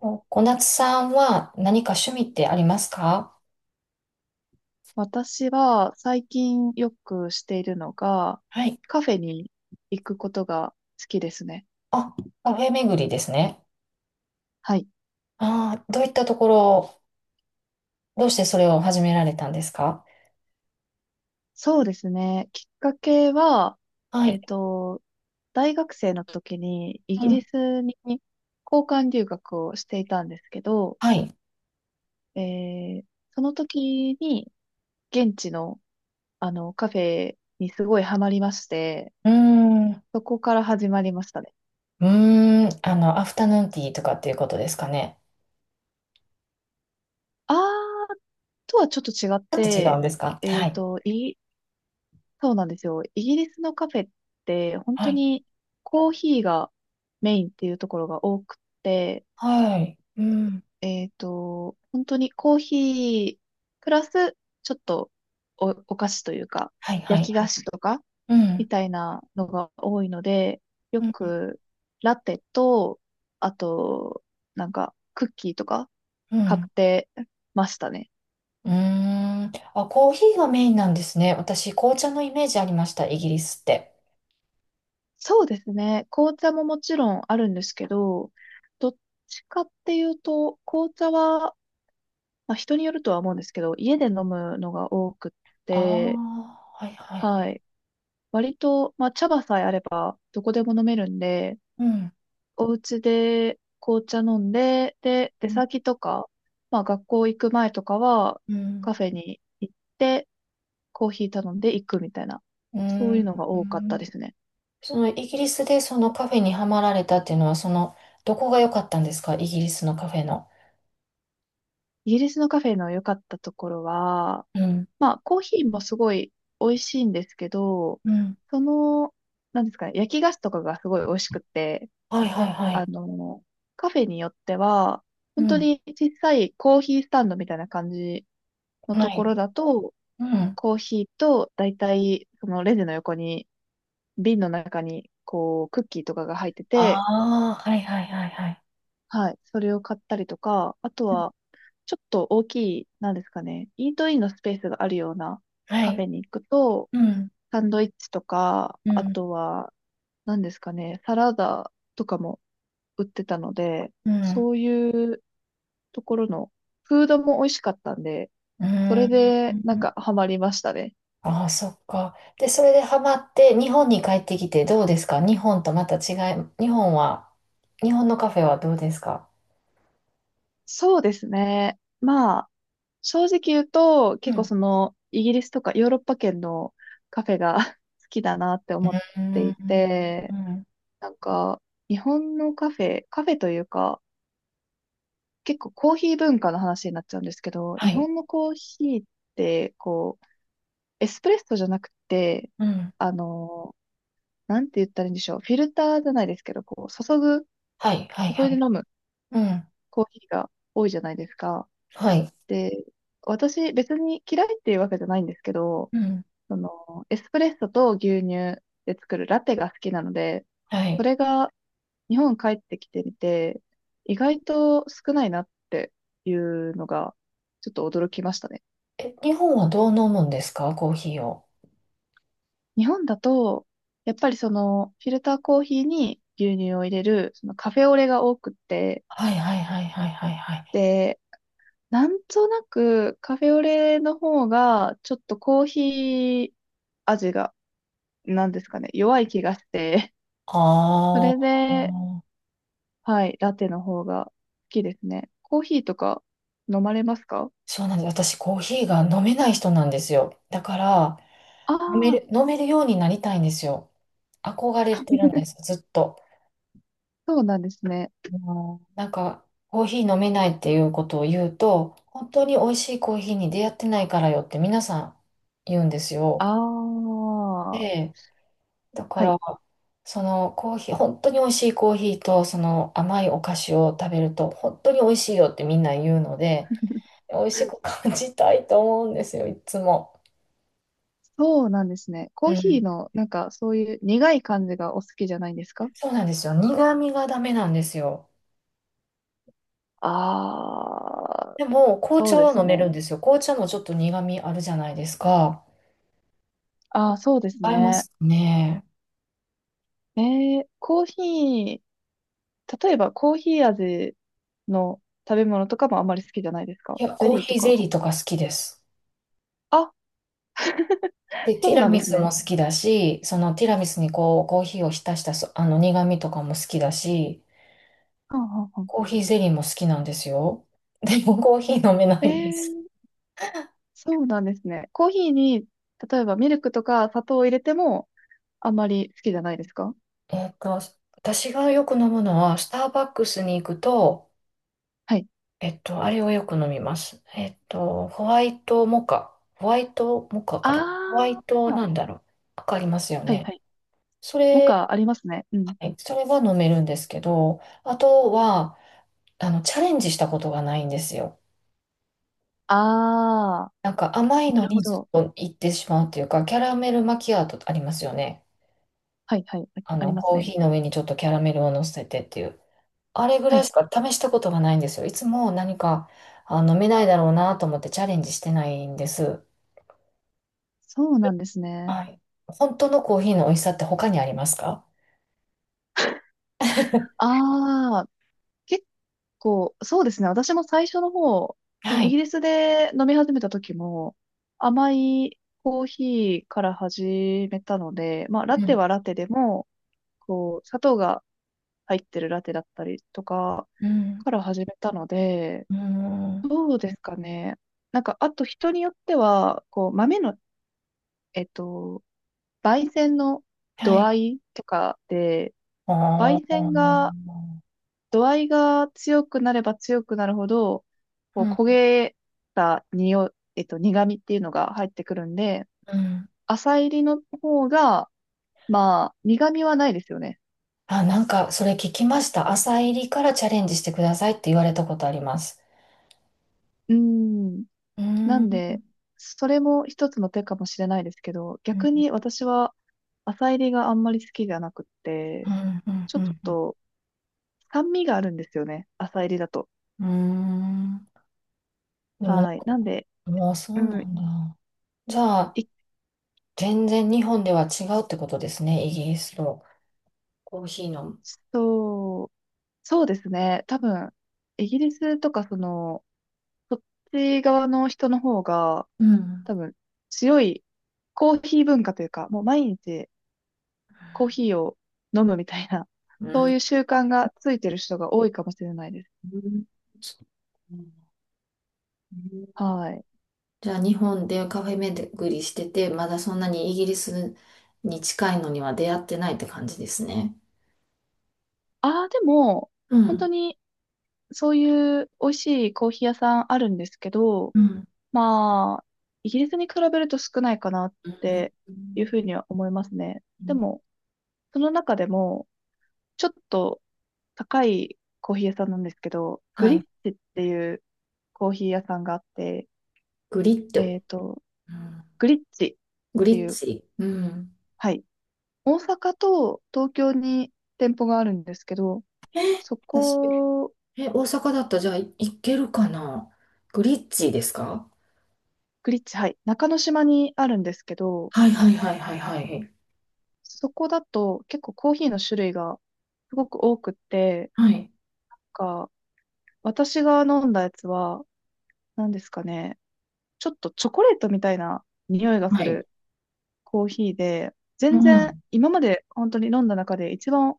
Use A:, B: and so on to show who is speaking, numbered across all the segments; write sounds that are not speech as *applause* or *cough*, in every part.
A: お小夏さんは何か趣味ってありますか？
B: 私は最近よくしているのが、
A: はい。
B: カフェに行くことが好きですね。
A: あ、カフェ巡りですね。
B: はい。
A: ああ、どういったところ、どうしてそれを始められたんですか？
B: そうですね。きっかけは、
A: は
B: え
A: い。
B: っと、大学生の時にイ
A: う
B: ギリ
A: ん。
B: スに交換留学をしていたんですけど、
A: はい。
B: えーその時に現地のカフェにすごいハマりまして、
A: うーん。う
B: そこから始まりましたね。
A: ーん。あの、アフタヌーンティーとかっていうことですかね。
B: あーとはちょっと違っ
A: ちょっと違うん
B: て、
A: ですか？
B: え
A: は
B: っ
A: い。
B: と、イそうなんですよ。イギリスのカフェって本
A: は
B: 当
A: い。
B: にコーヒーがメインっていうところが多くて、
A: はい。うん。
B: 本当にコーヒープラスちょっとお菓子というか
A: はい、は
B: 焼
A: い、
B: き
A: は
B: 菓
A: い。
B: 子とか
A: うん。
B: みたいなのが多いので、よ
A: うん。
B: くラテと、あと、なんかクッキーとか
A: う
B: 買っ
A: ん。
B: てましたね。
A: うーん。あ、コーヒーがメインなんですね。私、紅茶のイメージありました、イギリスって。
B: そうですね。紅茶ももちろんあるんですけど、どっちかっていうと、紅茶は、まあ、人によるとは思うんですけど、家で飲むのが多くっ
A: あ
B: て、
A: あ、はい、はい、は
B: は
A: い。
B: い。割と、まあ、茶葉さえあれば、どこでも飲めるんで、
A: うん。
B: お家で紅茶飲んで、で、出
A: うん。
B: 先とか、まあ、学校行く前とかは、
A: うん。
B: カフェに行って、コーヒー頼んで行くみたいな、
A: う
B: そういう
A: ん。
B: のが多かったですね。
A: そのイギリスでそのカフェにはまられたっていうのは、その、どこが良かったんですか、イギリスのカフェの。
B: イギリスのカフェの良かったところは、
A: うん。
B: まあ、コーヒーもすごい美味しいんですけど、
A: うん。
B: その、なんですかね、焼き菓子とかがすごい美味しくて、
A: はいはいは
B: あ
A: い。
B: の、カフェによっては、
A: う
B: 本当
A: ん。
B: に小さいコーヒースタンドみたいな感じの
A: は
B: とこ
A: い。
B: ろだと、
A: うん。
B: コーヒーとだいたいそのレジの横に、瓶の中に、こう、クッキーとかが入ってて、
A: ああ、はいはいはいはい。
B: はい、それを買ったりとか、あとは、ちょっと大きい、なんですかね、イートインのスペースがあるような
A: は
B: カフ
A: い。
B: ェに行くと、
A: うん。
B: サンドイッチとか、
A: う
B: あ
A: ん。
B: とは、何ですかね、サラダとかも売ってたので、
A: うん。
B: そういうところのフードも美味しかったんで、
A: う
B: それ
A: ん。
B: でなんかハマりましたね。
A: ああ、そっか。で、それでハマって、日本に帰ってきてどうですか、日本とまた違い、日本は、日本のカフェはどうですか？
B: そうですね。まあ、正直言うと、
A: う
B: 結構
A: ん。
B: その、イギリスとかヨーロッパ圏のカフェが *laughs* 好きだなって思っ
A: う
B: てい
A: ん。う
B: て、
A: ん。
B: なんか、日本のカフェ、カフェというか、結構コーヒー文化の話になっちゃうんですけど、
A: は
B: 日
A: い。
B: 本のコーヒーって、こう、エスプレッソじゃなくて、
A: うん。
B: あの、なんて言ったらいいんでしょう。フィルターじゃないですけど、こう、
A: はい、はい、は
B: 注いで
A: い。
B: 飲む
A: うん。
B: コーヒーが多いじゃないですか。
A: はい。
B: で、私、別に嫌いっていうわけじゃないんですけど、
A: うん。
B: その、エスプレッソと牛乳で作るラテが好きなので、
A: は
B: そ
A: い。
B: れが日本帰ってきてみて、意外と少ないなっていうのが、ちょっと驚きましたね。
A: え、日本はどう飲むんですか、コーヒーを。
B: 日本だと、やっぱりその、フィルターコーヒーに牛乳を入れる、そのカフェオレが多くって、
A: はい、はい、はい、はい、はい、はい。
B: で、なんとなくカフェオレの方が、ちょっとコーヒー味が、なんですかね、弱い気がして、そ
A: あ
B: れ
A: あ、
B: で、はい、ラテの方が好きですね。コーヒーとか飲まれますか？
A: そうなんです。私、コーヒーが飲めない人なんですよ。だから、
B: あ
A: 飲める、
B: あ、
A: 飲めるようになりたいんですよ。憧れてるんです、ずっと。
B: そうなんですね。
A: もうなんか、コーヒー飲めないっていうことを言うと、本当に美味しいコーヒーに出会ってないからよって皆さん言うんですよ。
B: ああ、は
A: で、だか
B: い。
A: ら、そのコーヒー、本当に美味しいコーヒーと、その甘いお菓子を食べると、本当に美味しいよってみんな言うので、美味しく感じたいと思うんですよ、いつも。
B: そうなんですね。
A: う
B: コーヒー
A: ん。
B: の、なんか、そういう苦い感じがお好きじゃないんですか？
A: そうなんですよ。苦味がダメなんですよ。
B: ああ、
A: でも、紅
B: そう
A: 茶
B: で
A: は
B: す
A: 飲め
B: ね。
A: るんですよ。紅茶もちょっと苦味あるじゃないですか。
B: ああ、そうです
A: 合いま
B: ね。
A: すかね。
B: コーヒー、例えばコーヒー味の食べ物とかもあんまり好きじゃないです
A: い
B: か？
A: や、
B: ゼ
A: コー
B: リー
A: ヒ
B: と
A: ーゼ
B: か。
A: リーとか好きです。
B: あ、
A: で、ティ
B: そう
A: ラ
B: なんで
A: ミ
B: す
A: スも
B: ね。
A: 好きだし、そのティラミスにこう、コーヒーを浸したそ、あの苦味とかも好きだし、
B: はんはんは
A: コーヒーゼリーも好きなんですよ。*laughs* でもコーヒー飲めな
B: ん。
A: いんです。
B: ー、そうなんですね。コーヒーに、例えばミルクとか砂糖を入れてもあんまり好きじゃないですか？
A: えっと、私がよく飲むのは、スターバックスに行くと、
B: はい。
A: あれをよく飲みます。ホワイトモカ。ホワイトモカか
B: あ
A: な。ホワイト
B: あ、
A: なんだろう。わかりますよ
B: はい
A: ね。
B: はい。
A: そ
B: モ
A: れ、
B: カありますね。うん。
A: はい、それは飲めるんですけど、あとは、あの、チャレンジしたことがないんですよ。
B: ああ、
A: なんか甘いの
B: なるほ
A: にずっ
B: ど。
A: と行ってしまうっていうか、キャラメルマキアートありますよね。
B: はいはい。あ、
A: あ
B: あり
A: の、
B: ます
A: コー
B: ね。
A: ヒーの上にちょっとキャラメルを乗せてっていう。あれぐ
B: は
A: らい
B: い。
A: しか試したことがないんですよ。いつも何か、あ、飲めないだろうなと思ってチャレンジしてないんです。
B: そうなんですね。
A: はい。本当のコーヒーの美味しさって他にありますか？
B: ああ、結構、そうですね。私も最初の方、そ
A: は
B: のイギ
A: い。
B: リスで飲み始めた時も、甘いコーヒーから始めたので、まあ、ラ
A: う
B: テ
A: ん。
B: はラテでも、こう、砂糖が入ってるラテだったりとか
A: うん。
B: から始めたので、
A: うん。
B: どうですかね。なんか、あと人によっては、こう、豆の、えっと、焙煎の
A: は
B: 度
A: い。
B: 合いとかで、
A: あ
B: 焙煎
A: あ。
B: が度合いが強くなれば強くなるほど、こ
A: う
B: う焦
A: ん。
B: げた匂い、苦味っていうのが入ってくるんで、
A: うん。
B: 浅煎りの方が、まあ、苦味はないですよね。
A: あ、なんか、それ聞きました。朝入りからチャレンジしてくださいって言われたことあります。
B: うん。
A: うー
B: な
A: ん。
B: ん
A: う
B: で、
A: ん。
B: それも一つの手かもしれないですけど、
A: う
B: 逆
A: ん。
B: に私は浅煎りがあんまり好きじゃなくっ
A: う
B: て、
A: ん。
B: ちょ
A: う
B: っ
A: ん。
B: と酸味があるんですよね。浅煎りだと。
A: うん。うん。でもね、
B: はい。なんで、
A: もうそ
B: う
A: うな
B: ん、
A: んだ。じゃあ、
B: い、
A: 全然日本では違うってことですね、イギリスとコーヒーの。
B: そう。そうですね。多分、イギリスとか、その、そっち側の人の方が、
A: うん。
B: 多分、強いコーヒー文化というか、もう毎日コーヒーを飲むみたいな、
A: う
B: *laughs* そう
A: ん。
B: いう習慣がついてる人が多いかもしれないです。
A: うん。
B: はい。
A: じゃあ、日本でカフェ巡りしてて、まだそんなにイギリスに近いのには出会ってないって感じですね。
B: ああ、でも、
A: う
B: 本当
A: ん。
B: に、そういう美味しいコーヒー屋さんあるんですけど、
A: うん。
B: まあ、イギリスに比べると少ないかなっ
A: うん。
B: ていうふうには思いますね。
A: う
B: で
A: ん。
B: も、その中でも、ちょっと、高いコーヒー屋さんなんですけど、グ
A: は
B: リッ
A: い。
B: チっていうコーヒー屋さんがあって、
A: グリッ
B: え
A: ド。
B: っと、
A: うん。
B: グリッチっ
A: グ
B: て
A: リ
B: い
A: ッ
B: う、
A: チ。うん。
B: はい。大阪と東京に店舗があるんですけど、そ
A: 私、
B: こ、
A: え、大阪だったらじゃあい、行けるかな、グリッチですか？
B: グリッチ、はい。中之島にあるんですけど、
A: はいはいはいはいはい。
B: そこだと結構コーヒーの種類がすごく多くって、
A: はい。
B: なんか私が飲んだやつは、何ですかね、ちょっとチョコレートみたいな匂いがす
A: はい。
B: るコーヒーで、
A: う
B: 全然
A: ん。
B: 今まで本当に飲んだ中で一番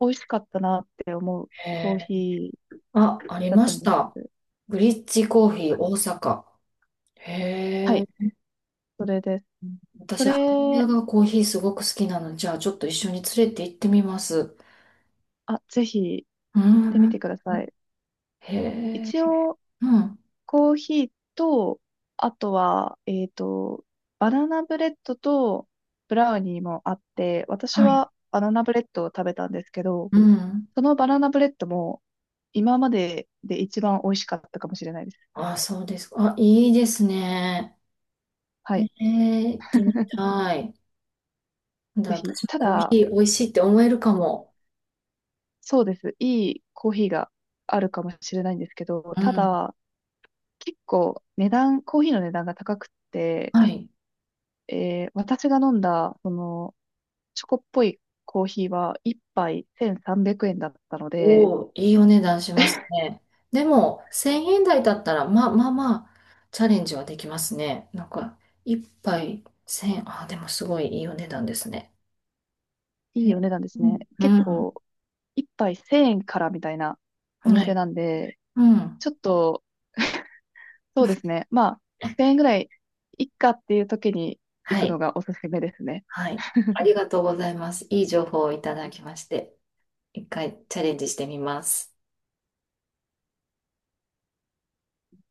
B: 美味しかったなって思うコー
A: へ
B: ヒ
A: ー。
B: ー
A: あ、あり
B: だっ
A: ま
B: たん
A: し
B: で
A: た。
B: す。
A: ブリッジコーヒー大阪。
B: は
A: へ
B: い、
A: え。
B: それです。そ
A: 私、母親
B: れ、
A: がコーヒーすごく好きなので、じゃあちょっと一緒に連れて行ってみます。
B: あ、ぜひ
A: う
B: 行ってみ
A: ん。
B: てください。
A: へえ。
B: 一応、
A: うん。
B: コーヒーと、あとは、バナナブレッドとブラウニーもあって、私
A: はい。
B: はバナナブレッドを食べたんですけど、
A: うん。
B: そのバナナブレッドも今までで一番美味しかったかもしれないです。
A: あ、そうですか。あ、いいですね。
B: は
A: へ
B: い。
A: え、行ってみたい。なんだ、
B: ぜひ。
A: 私も
B: た
A: コー
B: だ、
A: ヒー美味しいって思えるかも。
B: そうです。いいコーヒーがあるかもしれないんですけど、
A: う
B: た
A: ん。
B: だ、結構値段、コーヒーの値段が高くて、
A: はい。
B: 私が飲んだ、その、チョコっぽいコーヒーは1杯1300円だったので、
A: おお、いいお値段しますね。でも、1000円台だったら、まあまあまあ、チャレンジはできますね。なんか、一杯1000円、ああ、でもすごいいいお値段ですね。
B: い
A: え、
B: いお値段です
A: う
B: ね。
A: ん、
B: 結
A: は
B: 構、1杯1000円からみたいなお店
A: い、
B: なんで、
A: うん、
B: ちょっと、そうですね。まあ、1000円ぐらいいっかっていう時に
A: は
B: 行くの
A: い、
B: がおすすめですね。
A: はい。ありがとうございます。いい情報をいただきまして、一回チャレンジしてみます。